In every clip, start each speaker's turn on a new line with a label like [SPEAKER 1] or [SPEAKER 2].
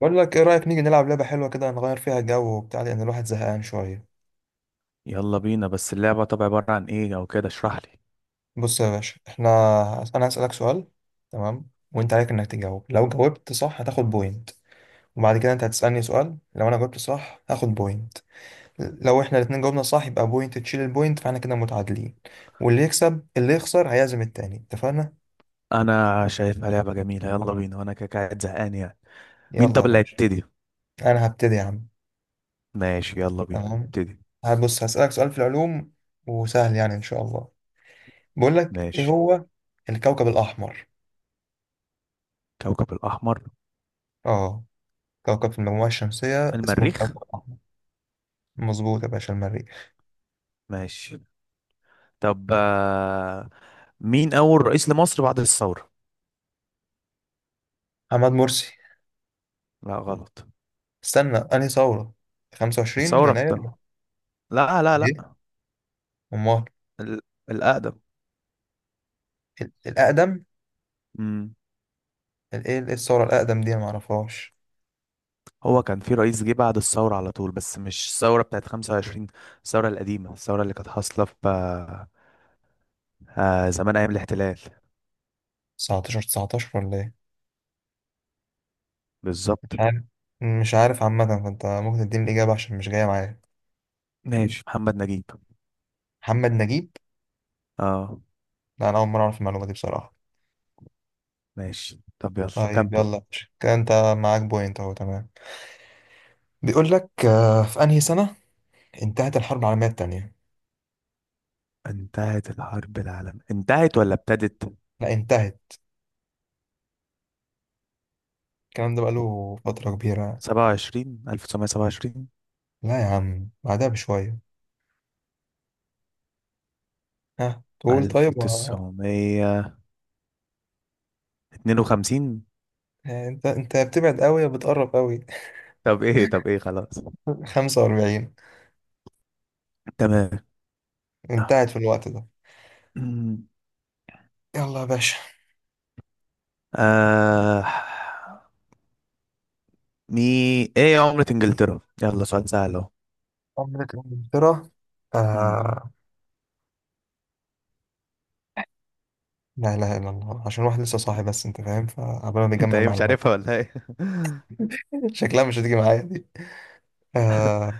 [SPEAKER 1] بقول لك ايه، رأيك نيجي نلعب لعبة حلوة كده نغير فيها جو وبتاع، لأن الواحد زهقان شوية.
[SPEAKER 2] يلا بينا، بس اللعبة طب عبارة عن ايه او كده؟ اشرح لي.
[SPEAKER 1] بص يا باشا، انا هسألك سؤال. تمام، وانت عليك انك تجاوب. لو جاوبت صح هتاخد بوينت. وبعد كده انت هتسألني سؤال، لو انا جاوبت صح هاخد بوينت. لو احنا الاتنين جاوبنا صح، يبقى بوينت تشيل البوينت، فاحنا كده متعادلين. واللي يكسب، اللي يخسر هيعزم التاني. اتفقنا؟
[SPEAKER 2] انا شايفها لعبة جميلة، يلا بينا وانا كده قاعد زهقان يعني. مين
[SPEAKER 1] يلا
[SPEAKER 2] طب
[SPEAKER 1] يا
[SPEAKER 2] اللي
[SPEAKER 1] باشا.
[SPEAKER 2] هيبتدي؟
[SPEAKER 1] انا هبتدي يا عم.
[SPEAKER 2] ماشي، يلا بينا
[SPEAKER 1] تمام.
[SPEAKER 2] ابتدي.
[SPEAKER 1] هبص هسألك سؤال في العلوم، وسهل يعني ان شاء الله. بقول لك ايه
[SPEAKER 2] ماشي.
[SPEAKER 1] هو الكوكب الأحمر.
[SPEAKER 2] كوكب الاحمر؟
[SPEAKER 1] اه، كوكب في المجموعة الشمسية اسمه
[SPEAKER 2] المريخ.
[SPEAKER 1] الكوكب الأحمر. مظبوط يا باشا، المريخ.
[SPEAKER 2] ماشي طب. مين اول رئيس لمصر بعد الثورة؟
[SPEAKER 1] محمد مرسي.
[SPEAKER 2] لا، غلط.
[SPEAKER 1] استنى، أنهي ثورة؟ 25
[SPEAKER 2] الثورة
[SPEAKER 1] يناير.
[SPEAKER 2] بتاع- لا، لا،
[SPEAKER 1] إيه؟
[SPEAKER 2] لا.
[SPEAKER 1] أمال؟
[SPEAKER 2] ال- الاقدم.
[SPEAKER 1] الأقدم؟
[SPEAKER 2] امم
[SPEAKER 1] إيه الثورة الأقدم دي أنا معرفهاش.
[SPEAKER 2] هو كان في رئيس جه بعد الثورة على طول، بس مش الثورة بتاعت 25. الثورة القديمة، الثورة اللي كانت حاصلة في زمان أيام الاحتلال.
[SPEAKER 1] 19 19 ولا إيه؟
[SPEAKER 2] بالظبط.
[SPEAKER 1] مش عارف. مش عارف عامة، فأنت ممكن تديني الإجابة عشان مش جاية معايا.
[SPEAKER 2] ماشي، محمد نجيب.
[SPEAKER 1] محمد نجيب؟
[SPEAKER 2] اه.
[SPEAKER 1] لا، أنا أول مرة أعرف المعلومة دي بصراحة.
[SPEAKER 2] ماشي طب، يلا
[SPEAKER 1] طيب
[SPEAKER 2] كمل.
[SPEAKER 1] يلا يا باشا. كده أنت معاك بوينت أهو، تمام. بيقول لك في أنهي سنة انتهت الحرب العالمية التانية؟
[SPEAKER 2] انتهت الحرب العالمية؟ انتهت ولا ابتدت؟
[SPEAKER 1] لا انتهت، الكلام ده بقاله فترة كبيرة.
[SPEAKER 2] 27 1927؟
[SPEAKER 1] لا يا عم، بعدها بشوية. ها تقول طيب
[SPEAKER 2] 1952؟
[SPEAKER 1] يعني انت بتبعد قوي يا بتقرب قوي.
[SPEAKER 2] طب ايه خلاص.
[SPEAKER 1] 45.
[SPEAKER 2] تمام.
[SPEAKER 1] انتهت في الوقت ده. يلا يا باشا.
[SPEAKER 2] آه مي ايه عملة انجلترا؟ يلا سؤال سهل اهو.
[SPEAKER 1] عملت انجلترا.
[SPEAKER 2] مم.
[SPEAKER 1] آه... لا اله الا الله، عشان الواحد لسه صاحي بس انت فاهم، فقبل ما
[SPEAKER 2] انت
[SPEAKER 1] بيجمع
[SPEAKER 2] ايه، مش
[SPEAKER 1] المعلومات.
[SPEAKER 2] عارفها ولا ايه؟
[SPEAKER 1] شكلها مش هتيجي معايا دي. آه...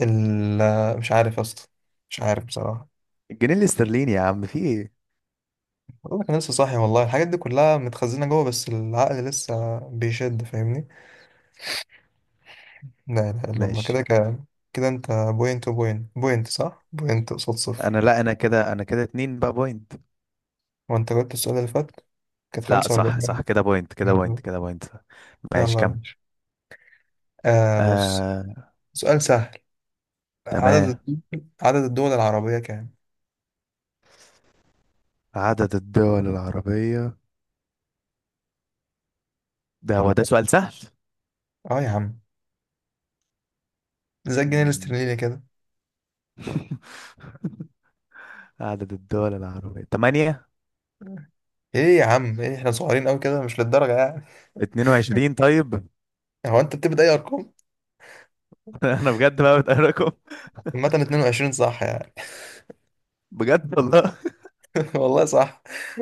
[SPEAKER 1] ال... مش عارف يا اسطى. مش عارف بصراحة.
[SPEAKER 2] الجنيه الاسترليني يا عم، في ايه؟
[SPEAKER 1] والله كان لسه صاحي والله، الحاجات دي كلها متخزنة جوه بس العقل لسه بيشد، فاهمني؟ لا اله الا الله. كده
[SPEAKER 2] ماشي.
[SPEAKER 1] كده انت بوينت وبوينت، بوينت صح. بوينت قصاد
[SPEAKER 2] انا
[SPEAKER 1] صفر.
[SPEAKER 2] لا انا كده انا كده اتنين بقى بوينت.
[SPEAKER 1] وانت جبت السؤال اللي فات، كانت
[SPEAKER 2] لا،
[SPEAKER 1] 45
[SPEAKER 2] صح
[SPEAKER 1] جنيه.
[SPEAKER 2] صح، كده بوينت كده بوينت كده بوينت. ماشي،
[SPEAKER 1] يلا يا
[SPEAKER 2] كمل.
[SPEAKER 1] باشا. بص،
[SPEAKER 2] آه
[SPEAKER 1] سؤال سهل. عدد
[SPEAKER 2] تمام.
[SPEAKER 1] الدول- عدد الدول العربية كام؟
[SPEAKER 2] عدد الدول العربية؟ ده هو ده سؤال سهل.
[SPEAKER 1] اه يا عم، زي الجنيه
[SPEAKER 2] مم.
[SPEAKER 1] الاسترليني كده.
[SPEAKER 2] عدد الدول العربية تمانية.
[SPEAKER 1] ايه يا عم؟ ايه، احنا صغيرين قوي كده؟ مش للدرجة يعني.
[SPEAKER 2] اتنين وعشرين، طيب.
[SPEAKER 1] هو انت بتبدأ اي ارقام؟
[SPEAKER 2] انا بجد بقى بتقركم.
[SPEAKER 1] عامة 22 صح يعني.
[SPEAKER 2] بجد والله.
[SPEAKER 1] والله صح.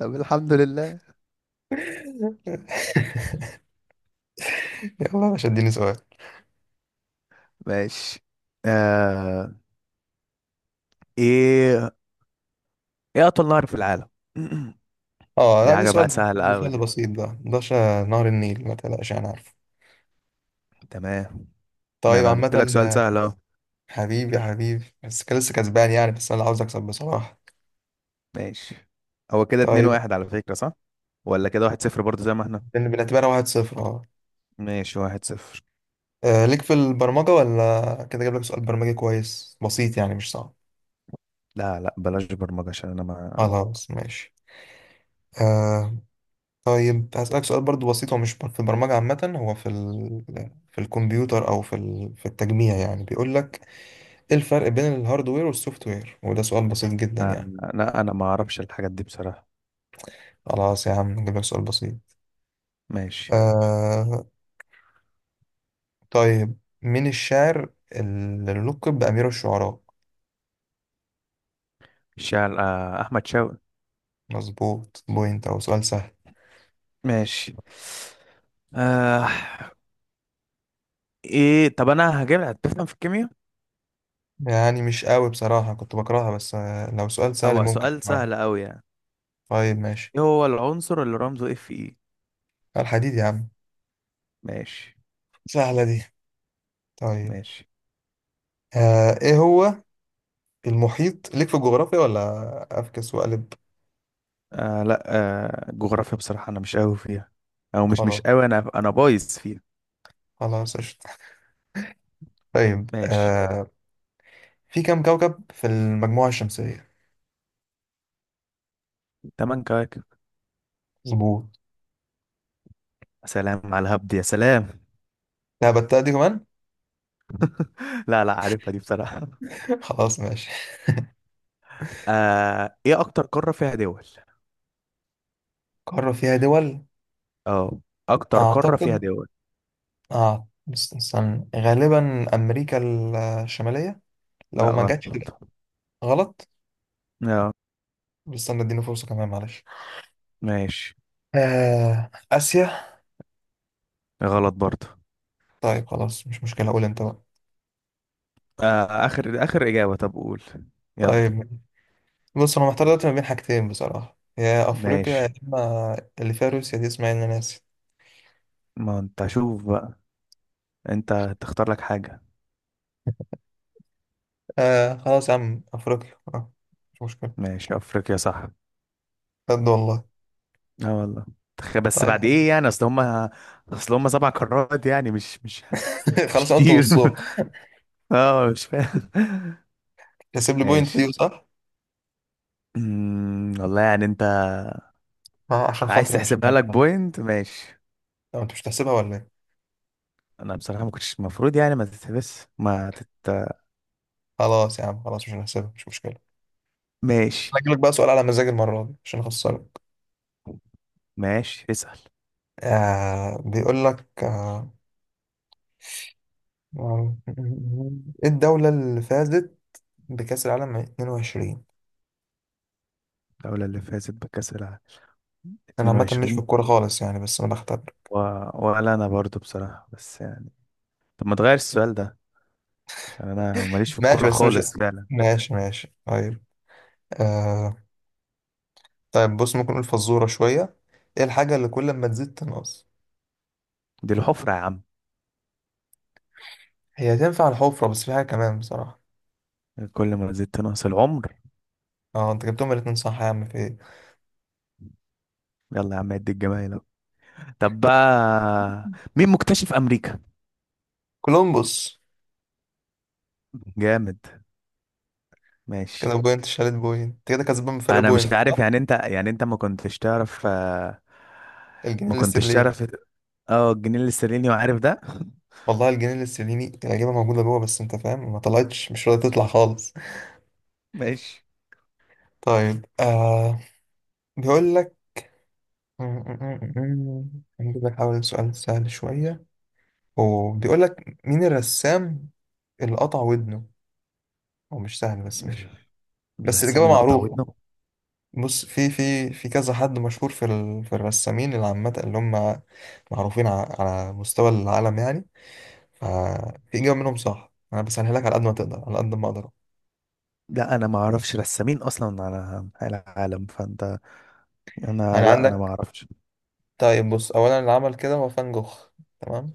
[SPEAKER 2] طب الحمد لله.
[SPEAKER 1] يلا يا باشا، اديني سؤال.
[SPEAKER 2] ماشي. آه ايه ايه اطول نهر في العالم؟
[SPEAKER 1] اه لا،
[SPEAKER 2] دي
[SPEAKER 1] دي
[SPEAKER 2] حاجة بقى
[SPEAKER 1] سؤال.
[SPEAKER 2] سهلة
[SPEAKER 1] ده
[SPEAKER 2] قوي
[SPEAKER 1] سؤال
[SPEAKER 2] دي.
[SPEAKER 1] بسيط. ده نهر النيل، ما تقلقش انا عارف.
[SPEAKER 2] تمام. ده
[SPEAKER 1] طيب
[SPEAKER 2] انا جبت لك سؤال
[SPEAKER 1] عامة،
[SPEAKER 2] سهل اهو.
[SPEAKER 1] حبيبي يا حبيبي، بس كان لسه كسبان يعني، بس انا اللي عاوز اكسب بصراحة.
[SPEAKER 2] ماشي. هو كده اتنين
[SPEAKER 1] طيب
[SPEAKER 2] واحد على فكرة، صح؟ ولا كده واحد صفر برضه زي ما احنا؟
[SPEAKER 1] بنعتبرها 1-0، اه.
[SPEAKER 2] ماشي، واحد صفر.
[SPEAKER 1] ليك في البرمجة ولا كده؟ جايب لك سؤال برمجي كويس، بسيط يعني مش صعب.
[SPEAKER 2] لا لا، بلاش برمجة عشان انا ما...
[SPEAKER 1] خلاص ماشي. آه. طيب هسألك سؤال برضو بسيط، هو مش في البرمجة عامة. هو في في الكمبيوتر، أو في في التجميع يعني. بيقول لك: إيه الفرق بين الهاردوير والسوفت وير؟ وده سؤال بسيط جدا يعني.
[SPEAKER 2] انا انا ما اعرفش الحاجات دي بصراحة.
[SPEAKER 1] خلاص يا عم نجيب لك سؤال بسيط.
[SPEAKER 2] ماشي.
[SPEAKER 1] آه. طيب، مين الشاعر اللي لقب بأمير الشعراء؟
[SPEAKER 2] شال آه، احمد شوقي.
[SPEAKER 1] مظبوط، بوينت. أو سؤال سهل.
[SPEAKER 2] ماشي. آه ايه طب، انا هجيب هتفهم في الكيمياء؟
[SPEAKER 1] يعني مش قوي بصراحة، كنت بكرهها، بس لو سؤال سهل
[SPEAKER 2] او
[SPEAKER 1] ممكن
[SPEAKER 2] سؤال
[SPEAKER 1] كمان.
[SPEAKER 2] سهل قوي يعني.
[SPEAKER 1] طيب ماشي.
[SPEAKER 2] ايه هو العنصر اللي رمزه Fe؟
[SPEAKER 1] الحديد يا عم.
[SPEAKER 2] ماشي.
[SPEAKER 1] سهلة دي. طيب.
[SPEAKER 2] ماشي.
[SPEAKER 1] ايه هو المحيط؟ ليك في الجغرافيا ولا افكس وأقلب؟
[SPEAKER 2] آه، لا. جغرافيا بصراحة انا مش قوي فيها. او مش
[SPEAKER 1] خلاص.
[SPEAKER 2] قوي، انا بايظ فيها.
[SPEAKER 1] خلاص قشطة. طيب.
[SPEAKER 2] ماشي،
[SPEAKER 1] في كم كوكب في المجموعة الشمسية؟
[SPEAKER 2] تمن كواكب.
[SPEAKER 1] مظبوط.
[SPEAKER 2] سلام على الهبد يا سلام.
[SPEAKER 1] لا بتاع دي كمان.
[SPEAKER 2] لا لا، عارفها دي بصراحة.
[SPEAKER 1] خلاص ماشي.
[SPEAKER 2] ايه اكتر قارة فيها دول؟
[SPEAKER 1] قارة فيها دول؟
[SPEAKER 2] اه. اكتر قارة فيها
[SPEAKER 1] أعتقد
[SPEAKER 2] دول.
[SPEAKER 1] استنى، غالبا أمريكا الشمالية.
[SPEAKER 2] لا،
[SPEAKER 1] لو ما
[SPEAKER 2] غلط.
[SPEAKER 1] جاتش تبقى غلط.
[SPEAKER 2] لا.
[SPEAKER 1] بس استنى اديني فرصة كمان، معلش.
[SPEAKER 2] ماشي.
[SPEAKER 1] آسيا.
[SPEAKER 2] غلط برضه.
[SPEAKER 1] طيب خلاص، مش مشكلة، قول أنت بقى.
[SPEAKER 2] اخر اخر اجابة، طب قول. يلا.
[SPEAKER 1] طيب، بص أنا محتار دلوقتي ما بين حاجتين بصراحة، يا أفريقيا
[SPEAKER 2] ماشي،
[SPEAKER 1] يا إما اللي فيها روسيا دي اسمها إن، أنا ناسي.
[SPEAKER 2] ما انت شوف بقى. انت تختار لك حاجة.
[SPEAKER 1] خلاص يا عم، أفريقيا، مش مشكلة.
[SPEAKER 2] ماشي، افريقيا صح.
[SPEAKER 1] بجد والله.
[SPEAKER 2] اه والله. بس
[SPEAKER 1] طيب يا
[SPEAKER 2] بعد
[SPEAKER 1] عم.
[SPEAKER 2] ايه يعني، اصل هما. اصل هما سبع قارات يعني، مش مش مش
[SPEAKER 1] خلاص، أنا قلت
[SPEAKER 2] كتير.
[SPEAKER 1] نصهم.
[SPEAKER 2] اه، مش فاهم.
[SPEAKER 1] تحسب لي بوينت
[SPEAKER 2] ماشي.
[SPEAKER 1] دي صح؟
[SPEAKER 2] والله يعني، انت
[SPEAKER 1] عشان
[SPEAKER 2] عايز
[SPEAKER 1] خاطري، مش
[SPEAKER 2] تحسبها
[SPEAKER 1] عارف
[SPEAKER 2] لك
[SPEAKER 1] بقى.
[SPEAKER 2] بوينت؟ ماشي.
[SPEAKER 1] طب أنت مش هتحسبها ولا إيه؟
[SPEAKER 2] انا بصراحة ما كنتش المفروض يعني، ما تتحبس ما تت...
[SPEAKER 1] خلاص يا عم، خلاص مش هنحسبها، مش مشكلة. بس
[SPEAKER 2] ماشي.
[SPEAKER 1] أنا هجيلك بقى سؤال على مزاج المرة دي عشان أخسرك.
[SPEAKER 2] ماشي، اسأل.
[SPEAKER 1] بيقول لك آه، إيه الدولة اللي فازت بكأس العالم 22؟
[SPEAKER 2] الدولة اللي فازت بكأس العالم
[SPEAKER 1] أنا عامة مش في
[SPEAKER 2] 22؟
[SPEAKER 1] الكورة خالص يعني، بس أنا بختبر.
[SPEAKER 2] و... ولا انا برضو بصراحة، بس يعني طب ما تغير السؤال ده، عشان انا ماليش في
[SPEAKER 1] ماشي،
[SPEAKER 2] الكورة
[SPEAKER 1] بس مش،
[SPEAKER 2] خالص فعلا.
[SPEAKER 1] ماشي ماشي طيب. آه طيب، بص ممكن نقول فزورة شوية. إيه الحاجة اللي كل ما تزيد تنقص؟
[SPEAKER 2] دي الحفرة يا عم.
[SPEAKER 1] هي تنفع الحفرة، بس في حاجة كمان بصراحة.
[SPEAKER 2] كل ما زدت نقص العمر.
[SPEAKER 1] أه، أنت جبتهم الاتنين صح يا عم، في إيه.
[SPEAKER 2] يلا يا عم عد الجمايل أهو. طب بقى، مين مكتشف امريكا؟
[SPEAKER 1] كولومبوس.
[SPEAKER 2] جامد. ماشي.
[SPEAKER 1] كده بوينت شالت بوينت. أنت كده كسبان بفرق
[SPEAKER 2] انا
[SPEAKER 1] بوينت
[SPEAKER 2] مش عارف
[SPEAKER 1] صح؟
[SPEAKER 2] يعني انت ما كنتش تعرف
[SPEAKER 1] الجنيه
[SPEAKER 2] ما كنتش
[SPEAKER 1] الاسترليني.
[SPEAKER 2] تعرف. اه، الجنيه الاسترليني، وعارف ده.
[SPEAKER 1] والله الجنيه الاسترليني، العجيبة موجودة جوه بس انت فاهم، ما طلعتش مش راضية تطلع خالص.
[SPEAKER 2] ماشي.
[SPEAKER 1] طيب. بيقول لك، هنجيب لك، حاول سؤال سهل شوية. وبيقول لك مين الرسام اللي قطع ودنه؟ هو مش سهل بس ماشي. بس
[SPEAKER 2] الرسام
[SPEAKER 1] الإجابة
[SPEAKER 2] اللي قطع
[SPEAKER 1] معروفة.
[SPEAKER 2] ودنه؟
[SPEAKER 1] بص، في كذا حد مشهور في في الرسامين العامة، اللي هم معروفين على مستوى العالم يعني. ففي إجابة منهم صح. أنا بسهلها لك على قد ما تقدر، على قد ما أقدر.
[SPEAKER 2] لا، انا ما اعرفش رسامين اصلا على العالم فانت. انا
[SPEAKER 1] يعني
[SPEAKER 2] لا انا ما
[SPEAKER 1] عندك.
[SPEAKER 2] اعرفش.
[SPEAKER 1] طيب بص، اولا اللي عمل كده هو فان جوخ، تمام.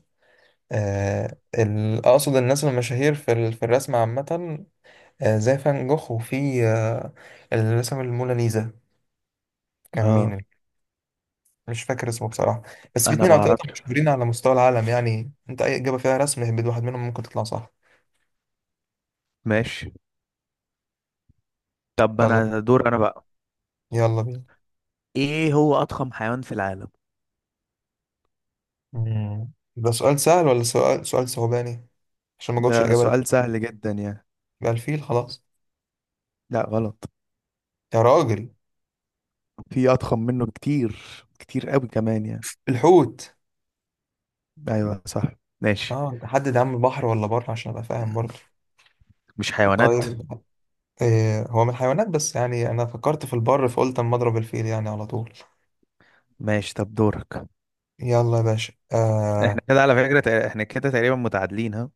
[SPEAKER 1] اقصد الناس المشاهير في في الرسم عامه. زي فان جوخ، وفي اللي رسم الموناليزا كان مين؟
[SPEAKER 2] اه.
[SPEAKER 1] مش فاكر اسمه بصراحه. بس في
[SPEAKER 2] انا
[SPEAKER 1] اتنين
[SPEAKER 2] ما
[SPEAKER 1] او تلاته
[SPEAKER 2] اعرفش.
[SPEAKER 1] مشهورين على مستوى العالم يعني، انت اي اجابه فيها رسم، اهبد واحد منهم ممكن تطلع صح.
[SPEAKER 2] ماشي. طب
[SPEAKER 1] يلا،
[SPEAKER 2] انا دور انا بقى.
[SPEAKER 1] يلا بينا.
[SPEAKER 2] ايه هو اضخم حيوان في العالم؟
[SPEAKER 1] ده سؤال سهل ولا سؤال صعباني؟ عشان ما جاوبش
[SPEAKER 2] ده
[SPEAKER 1] الاجابه.
[SPEAKER 2] سؤال سهل جدا يعني.
[SPEAKER 1] يبقى الفيل خلاص.
[SPEAKER 2] لا، غلط.
[SPEAKER 1] يا راجل.
[SPEAKER 2] في اضخم منه كتير. كتير قوي كمان يعني.
[SPEAKER 1] الحوت.
[SPEAKER 2] ايوه صح. ماشي.
[SPEAKER 1] اه حدد يا عم، بحر ولا بر عشان ابقى فاهم برضه.
[SPEAKER 2] مش حيوانات.
[SPEAKER 1] طيب. إيه هو من الحيوانات بس، يعني انا فكرت في البر فقلت اما اضرب الفيل يعني على طول.
[SPEAKER 2] ماشي، طب دورك.
[SPEAKER 1] يلا يا باشا،
[SPEAKER 2] احنا
[SPEAKER 1] آه.
[SPEAKER 2] كده على فكرة تق- احنا كده تقريبا متعادلين، ها؟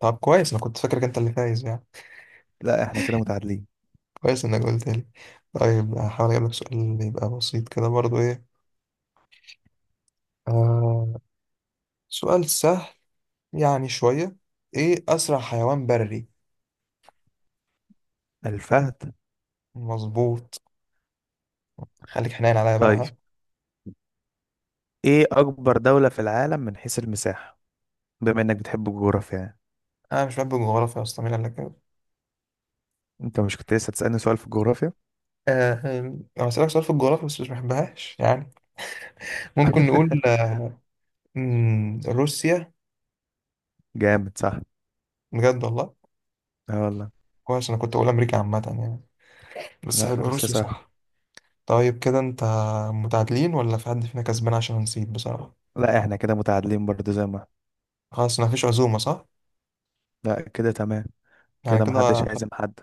[SPEAKER 1] طب كويس، انا كنت فاكرك انت اللي فايز يعني.
[SPEAKER 2] لا، احنا كده متعادلين.
[SPEAKER 1] كويس انك قلت لي. طيب هحاول اجيب لك سؤال يبقى بسيط كده برضو، ايه. آه سؤال سهل يعني شوية. ايه اسرع حيوان بري؟
[SPEAKER 2] الفهد.
[SPEAKER 1] مظبوط. خليك حنين عليا بقى،
[SPEAKER 2] طيب.
[SPEAKER 1] ها.
[SPEAKER 2] ايه اكبر دولة في العالم من حيث المساحة؟ بما انك بتحب الجغرافيا يعني.
[SPEAKER 1] انا مش بحب الجغرافيا اصلا، مين قال لك كده؟
[SPEAKER 2] انت مش كنت لسه تسألني سؤال في الجغرافيا؟
[SPEAKER 1] آه أنا هسألك سؤال في الجغرافيا بس مش بحبهاش يعني. ممكن نقول روسيا.
[SPEAKER 2] جامد صح.
[SPEAKER 1] بجد والله.
[SPEAKER 2] اه والله.
[SPEAKER 1] كويس، انا كنت اقول امريكا عامه يعني. بس
[SPEAKER 2] لا،
[SPEAKER 1] حلو،
[SPEAKER 2] روسيا
[SPEAKER 1] روسيا
[SPEAKER 2] صح.
[SPEAKER 1] صح. طيب كده، انت متعادلين ولا في حد فينا كسبان؟ عشان نسيت بصراحه.
[SPEAKER 2] لا، احنا كده متعادلين برضه زي ما احنا.
[SPEAKER 1] خلاص، ما فيش عزومه، صح؟
[SPEAKER 2] لا كده تمام.
[SPEAKER 1] يعني
[SPEAKER 2] كده محدش هيعزم حد.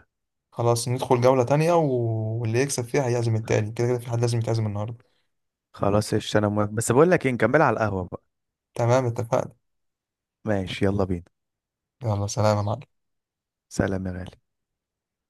[SPEAKER 1] خلاص ندخل جوله تانية، واللي يكسب فيها هيعزم التاني. كده كده في حد لازم يتعزم النهارده.
[SPEAKER 2] خلاص قشطة انا موافق، بس بقول لك ايه، نكمل على القهوة بقى.
[SPEAKER 1] تمام، اتفقنا.
[SPEAKER 2] ماشي يلا بينا.
[SPEAKER 1] يلا، سلام يا معلم.
[SPEAKER 2] سلام يا غالي.